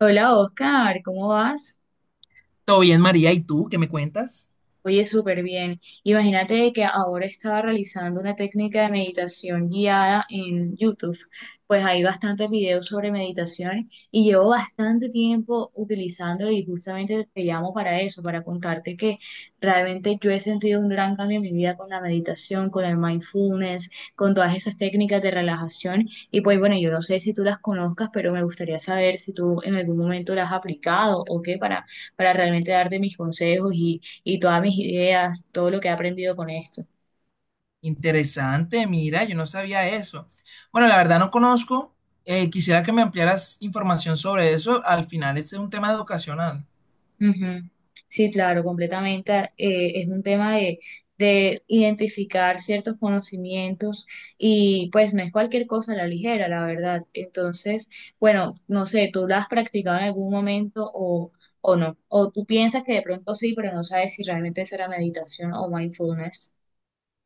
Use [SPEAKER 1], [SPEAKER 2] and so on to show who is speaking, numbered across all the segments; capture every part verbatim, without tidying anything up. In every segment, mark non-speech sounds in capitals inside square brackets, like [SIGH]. [SPEAKER 1] Hola Oscar, ¿cómo vas?
[SPEAKER 2] Todo bien, María, ¿y tú qué me cuentas?
[SPEAKER 1] Oye, súper bien. Imagínate que ahora estaba realizando una técnica de meditación guiada en YouTube. Pues hay bastantes videos sobre meditación y llevo bastante tiempo utilizándolo y justamente te llamo para eso, para contarte que realmente yo he sentido un gran cambio en mi vida con la meditación, con el mindfulness, con todas esas técnicas de relajación. Y pues bueno, yo no sé si tú las conozcas, pero me gustaría saber si tú en algún momento las has aplicado o qué para, para realmente darte mis consejos y y todas mis ideas, todo lo que he aprendido con esto.
[SPEAKER 2] Interesante, mira, yo no sabía eso. Bueno, la verdad no conozco. Eh, quisiera que me ampliaras información sobre eso. Al final, este es un tema educacional.
[SPEAKER 1] Ujú. Sí, claro, completamente. Eh, es un tema de, de identificar ciertos conocimientos y pues no es cualquier cosa a la ligera, la verdad. Entonces, bueno, no sé, ¿tú lo has practicado en algún momento o, o no? ¿O tú piensas que de pronto sí, pero no sabes si realmente será meditación o mindfulness?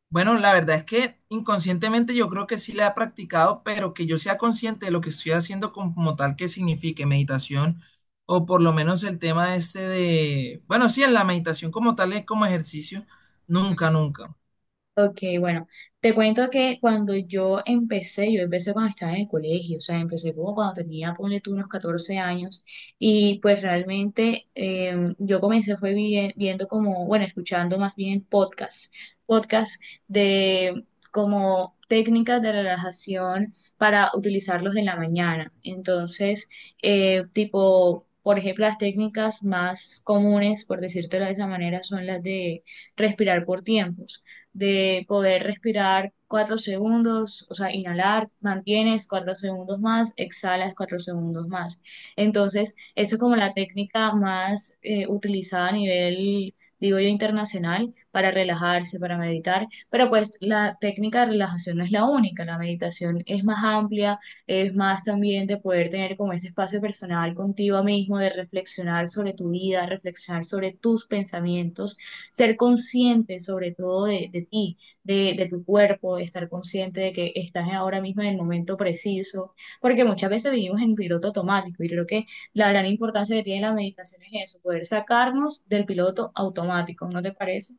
[SPEAKER 2] Bueno, la verdad es que inconscientemente yo creo que sí la he practicado, pero que yo sea consciente de lo que estoy haciendo como tal que signifique meditación, o por lo menos el tema este de, bueno, sí, en la meditación como tal es como ejercicio, nunca, nunca.
[SPEAKER 1] Ok, bueno, te cuento que cuando yo empecé, yo empecé cuando estaba en el colegio, o sea, empecé como cuando tenía, ponle tú, unos catorce años, y pues realmente eh, yo comencé fue vi- viendo como, bueno, escuchando más bien podcasts, podcasts de como técnicas de relajación para utilizarlos en la mañana. Entonces, eh, tipo, por ejemplo, las técnicas más comunes, por decírtelo de esa manera, son las de respirar por tiempos de poder respirar cuatro segundos, o sea, inhalar, mantienes cuatro segundos más, exhalas cuatro segundos más. Entonces, eso es como la técnica más eh, utilizada a nivel, digo yo, internacional para relajarse, para meditar, pero pues la técnica de relajación no es la única, la meditación es más amplia, es más también de poder tener como ese espacio personal contigo mismo, de reflexionar sobre tu vida, reflexionar sobre tus pensamientos, ser consciente sobre todo de, de ti, de, de, tu cuerpo, estar consciente de que estás ahora mismo en el momento preciso, porque muchas veces vivimos en piloto automático y creo que la gran importancia que tiene la meditación es eso, poder sacarnos del piloto automático, ¿no te parece?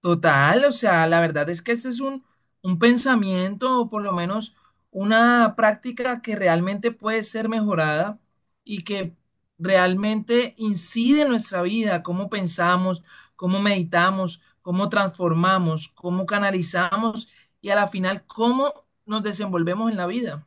[SPEAKER 2] Total, o sea, la verdad es que este es un, un pensamiento o por lo menos una práctica que realmente puede ser mejorada y que realmente incide en nuestra vida, cómo pensamos, cómo meditamos, cómo transformamos, cómo canalizamos y a la final cómo nos desenvolvemos en la vida.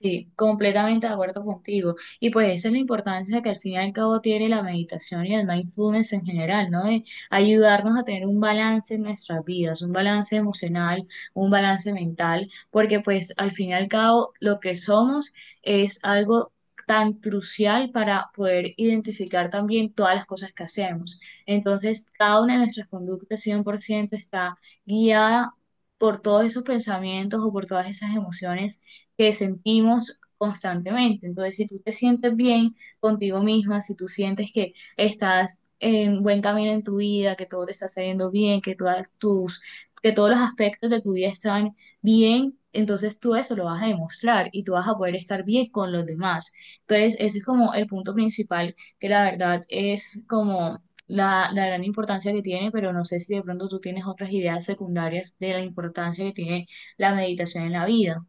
[SPEAKER 1] Sí, completamente de acuerdo contigo. Y pues esa es la importancia que al fin y al cabo tiene la meditación y el mindfulness en general, ¿no? De ayudarnos a tener un balance en nuestras vidas, un balance emocional, un balance mental, porque pues al fin y al cabo lo que somos es algo tan crucial para poder identificar también todas las cosas que hacemos. Entonces, cada una de nuestras conductas cien por ciento está guiada por todos esos pensamientos o por todas esas emociones que sentimos constantemente. Entonces, si tú te sientes bien contigo misma, si tú sientes que estás en buen camino en tu vida, que todo te está saliendo bien, que todas tus, que todos los aspectos de tu vida están bien, entonces tú eso lo vas a demostrar y tú vas a poder estar bien con los demás. Entonces, ese es como el punto principal, que la verdad es como la, la gran importancia que tiene, pero no sé si de pronto tú tienes otras ideas secundarias de la importancia que tiene la meditación en la vida.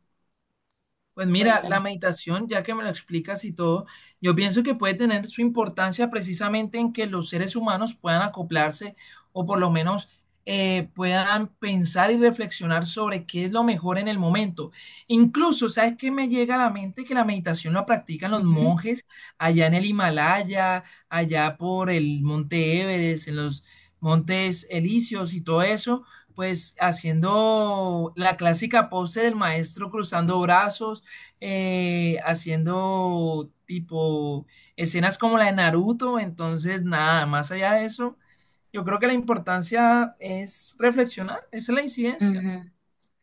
[SPEAKER 2] Pues mira, la
[SPEAKER 1] Cuéntame.
[SPEAKER 2] meditación, ya que me lo explicas y todo, yo pienso que puede tener su importancia precisamente en que los seres humanos puedan acoplarse o por lo menos eh, puedan pensar y reflexionar sobre qué es lo mejor en el momento. Incluso, ¿sabes qué me llega a la mente? Que la meditación la practican los
[SPEAKER 1] Ujú,
[SPEAKER 2] monjes allá en el Himalaya, allá por el Monte Everest, en los Montes Elíseos y todo eso. Pues haciendo la clásica pose del maestro cruzando brazos, eh, haciendo tipo escenas como la de Naruto, entonces nada, más allá de eso, yo creo que la importancia es reflexionar, esa es la incidencia.
[SPEAKER 1] ujú.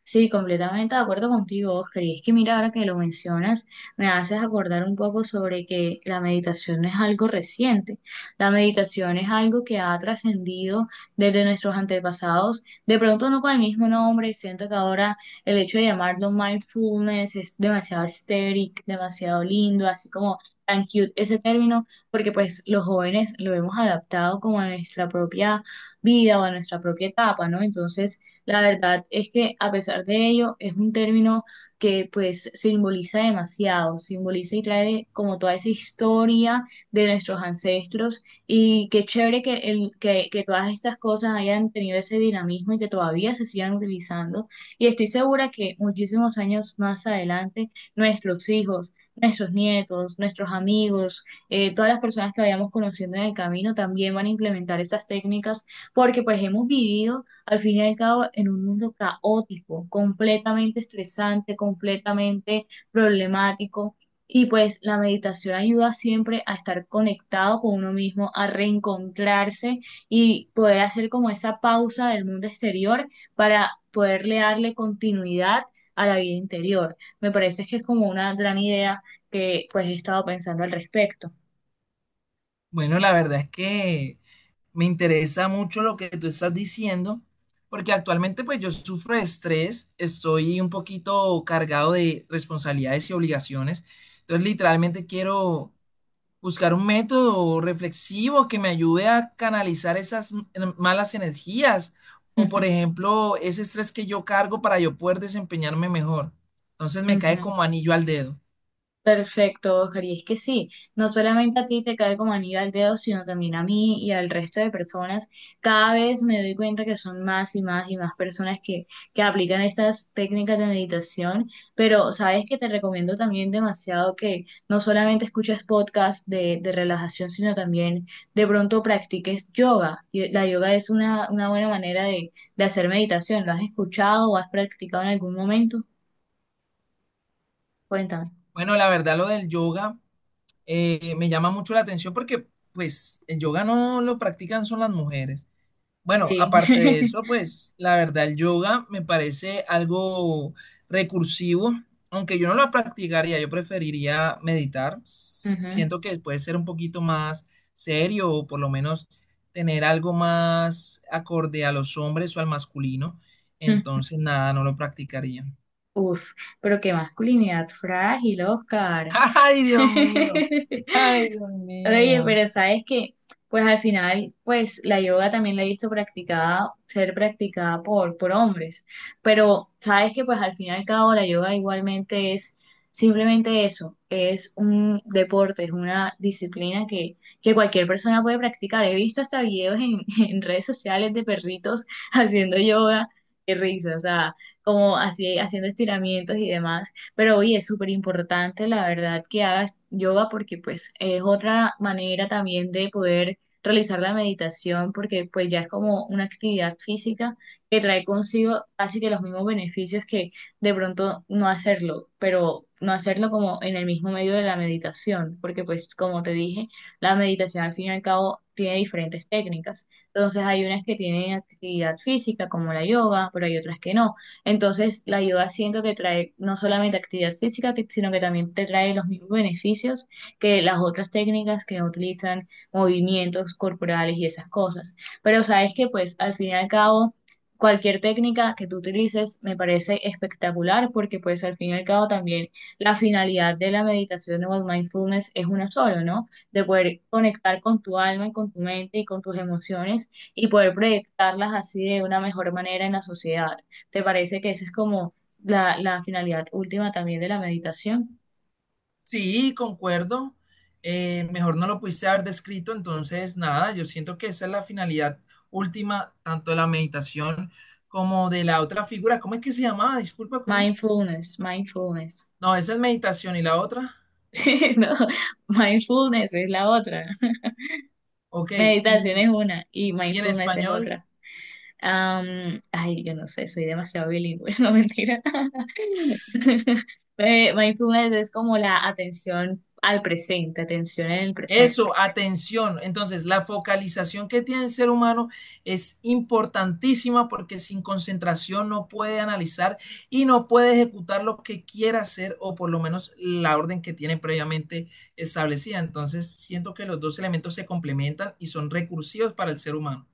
[SPEAKER 1] Sí, completamente de acuerdo contigo, Oscar. Y es que mira, ahora que lo mencionas, me haces acordar un poco sobre que la meditación no es algo reciente. La meditación es algo que ha trascendido desde nuestros antepasados. De pronto no con el mismo nombre, siento que ahora el hecho de llamarlo mindfulness es demasiado estético, demasiado lindo, así como tan cute ese término, porque pues los jóvenes lo hemos adaptado como a nuestra propia vida o a nuestra propia etapa, ¿no? Entonces... La verdad es que a pesar de ello es un término que pues simboliza demasiado, simboliza y trae como toda esa historia de nuestros ancestros y qué chévere que, el, que, que todas estas cosas hayan tenido ese dinamismo y que todavía se sigan utilizando. Y estoy segura que muchísimos años más adelante nuestros hijos, nuestros nietos, nuestros amigos, eh, todas las personas que vayamos conociendo en el camino también van a implementar esas técnicas porque pues hemos vivido al fin y al cabo, en un mundo caótico, completamente estresante, completamente problemático. Y pues la meditación ayuda siempre a estar conectado con uno mismo, a reencontrarse y poder hacer como esa pausa del mundo exterior para poderle darle continuidad a la vida interior. Me parece que es como una gran idea que pues he estado pensando al respecto.
[SPEAKER 2] Bueno, la verdad es que me interesa mucho lo que tú estás diciendo, porque actualmente pues yo sufro de estrés, estoy un poquito cargado de responsabilidades y obligaciones, entonces literalmente quiero buscar un método reflexivo que me ayude a canalizar esas m- malas energías o, por
[SPEAKER 1] [LAUGHS]
[SPEAKER 2] ejemplo, ese estrés que yo cargo para yo poder desempeñarme mejor. Entonces me cae
[SPEAKER 1] Ujú.
[SPEAKER 2] como anillo al dedo.
[SPEAKER 1] Perfecto, Oscar, y es que sí, no solamente a ti te cae como anillo al dedo, sino también a mí y al resto de personas. Cada vez me doy cuenta que son más y más y más personas que, que aplican estas técnicas de meditación, pero sabes que te recomiendo también demasiado que no solamente escuches podcasts de, de relajación, sino también de pronto practiques yoga. Y La yoga es una, una buena manera de, de hacer meditación. ¿Lo has escuchado o has practicado en algún momento? Cuéntame.
[SPEAKER 2] Bueno, la verdad lo del yoga, eh, me llama mucho la atención porque pues el yoga no lo practican son las mujeres. Bueno,
[SPEAKER 1] Sí.
[SPEAKER 2] aparte de
[SPEAKER 1] [LAUGHS]
[SPEAKER 2] eso, pues la verdad el yoga me parece algo recursivo, aunque yo no lo practicaría, yo preferiría meditar. S-
[SPEAKER 1] Ujú.
[SPEAKER 2] Siento que puede ser un poquito más serio o por lo menos tener algo más acorde a los hombres o al masculino.
[SPEAKER 1] [LAUGHS]
[SPEAKER 2] Entonces, nada, no lo practicaría.
[SPEAKER 1] Uf, pero qué masculinidad frágil, Oscar.
[SPEAKER 2] [LAUGHS] Ay, Dios
[SPEAKER 1] [LAUGHS]
[SPEAKER 2] mío. Ay, Dios
[SPEAKER 1] Oye,
[SPEAKER 2] mío.
[SPEAKER 1] pero sabes que, pues al final, pues la yoga también la he visto practicada, ser practicada por, por hombres. Pero sabes que, pues al fin y al cabo, la yoga igualmente es simplemente eso, es un deporte, es una disciplina que, que cualquier persona puede practicar. He visto hasta videos en, [LAUGHS] en redes sociales de perritos [LAUGHS] haciendo yoga. Qué risa, o sea, como así haciendo estiramientos y demás. Pero oye, es súper importante, la verdad, que hagas yoga porque pues es otra manera también de poder realizar la meditación porque pues ya es como una actividad física que trae consigo casi que los mismos beneficios que de pronto no hacerlo, pero no hacerlo como en el mismo medio de la meditación, porque pues como te dije, la meditación al fin y al cabo tiene diferentes técnicas. Entonces hay unas que tienen actividad física como la yoga, pero hay otras que no. Entonces, la yoga siento que trae no solamente actividad física, que- sino que también te trae los mismos beneficios que las otras técnicas que utilizan movimientos corporales y esas cosas. Pero sabes que, pues, al fin y al cabo, cualquier técnica que tú utilices me parece espectacular porque, pues, al fin y al cabo también la finalidad de la meditación o el mindfulness es una sola, ¿no? De poder conectar con tu alma y con tu mente y con tus emociones y poder proyectarlas así de una mejor manera en la sociedad. ¿Te parece que esa es como la, la finalidad última también de la meditación?
[SPEAKER 2] Sí, concuerdo. Eh, mejor no lo pudiste haber descrito, entonces nada, yo siento que esa es la finalidad última, tanto de la meditación como de la otra figura. ¿Cómo es que se llamaba? Disculpa, ¿cómo?
[SPEAKER 1] Mindfulness, mindfulness.
[SPEAKER 2] No, esa es meditación y la otra.
[SPEAKER 1] [LAUGHS] No, mindfulness es la otra.
[SPEAKER 2] Ok,
[SPEAKER 1] Meditación
[SPEAKER 2] y,
[SPEAKER 1] es una y
[SPEAKER 2] y en
[SPEAKER 1] mindfulness es
[SPEAKER 2] español.
[SPEAKER 1] otra. Am, ay, yo no sé, soy demasiado bilingüe, [LAUGHS] no mentira. [LAUGHS] Eh, mindfulness es como la atención al presente, atención en el
[SPEAKER 2] Eso,
[SPEAKER 1] presente.
[SPEAKER 2] atención. Entonces, la focalización que tiene el ser humano es importantísima porque sin concentración no puede analizar y no puede ejecutar lo que quiera hacer o por lo menos la orden que tiene previamente establecida. Entonces, siento que los dos elementos se complementan y son recursivos para el ser humano.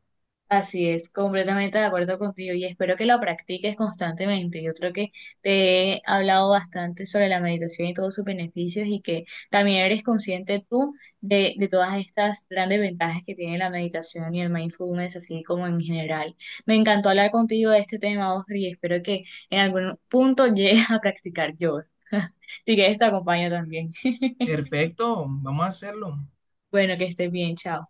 [SPEAKER 1] Así es, completamente de acuerdo contigo y espero que lo practiques constantemente. Yo creo que te he hablado bastante sobre la meditación y todos sus beneficios y que también eres consciente tú de, de todas estas grandes ventajas que tiene la meditación y el mindfulness, así como en general. Me encantó hablar contigo de este tema, Oscar, y espero que en algún punto [LAUGHS] llegues a practicar yoga. [LAUGHS] Si quieres, te acompaño también. [LAUGHS]
[SPEAKER 2] Perfecto, vamos a hacerlo.
[SPEAKER 1] Bueno, que estés bien, chao.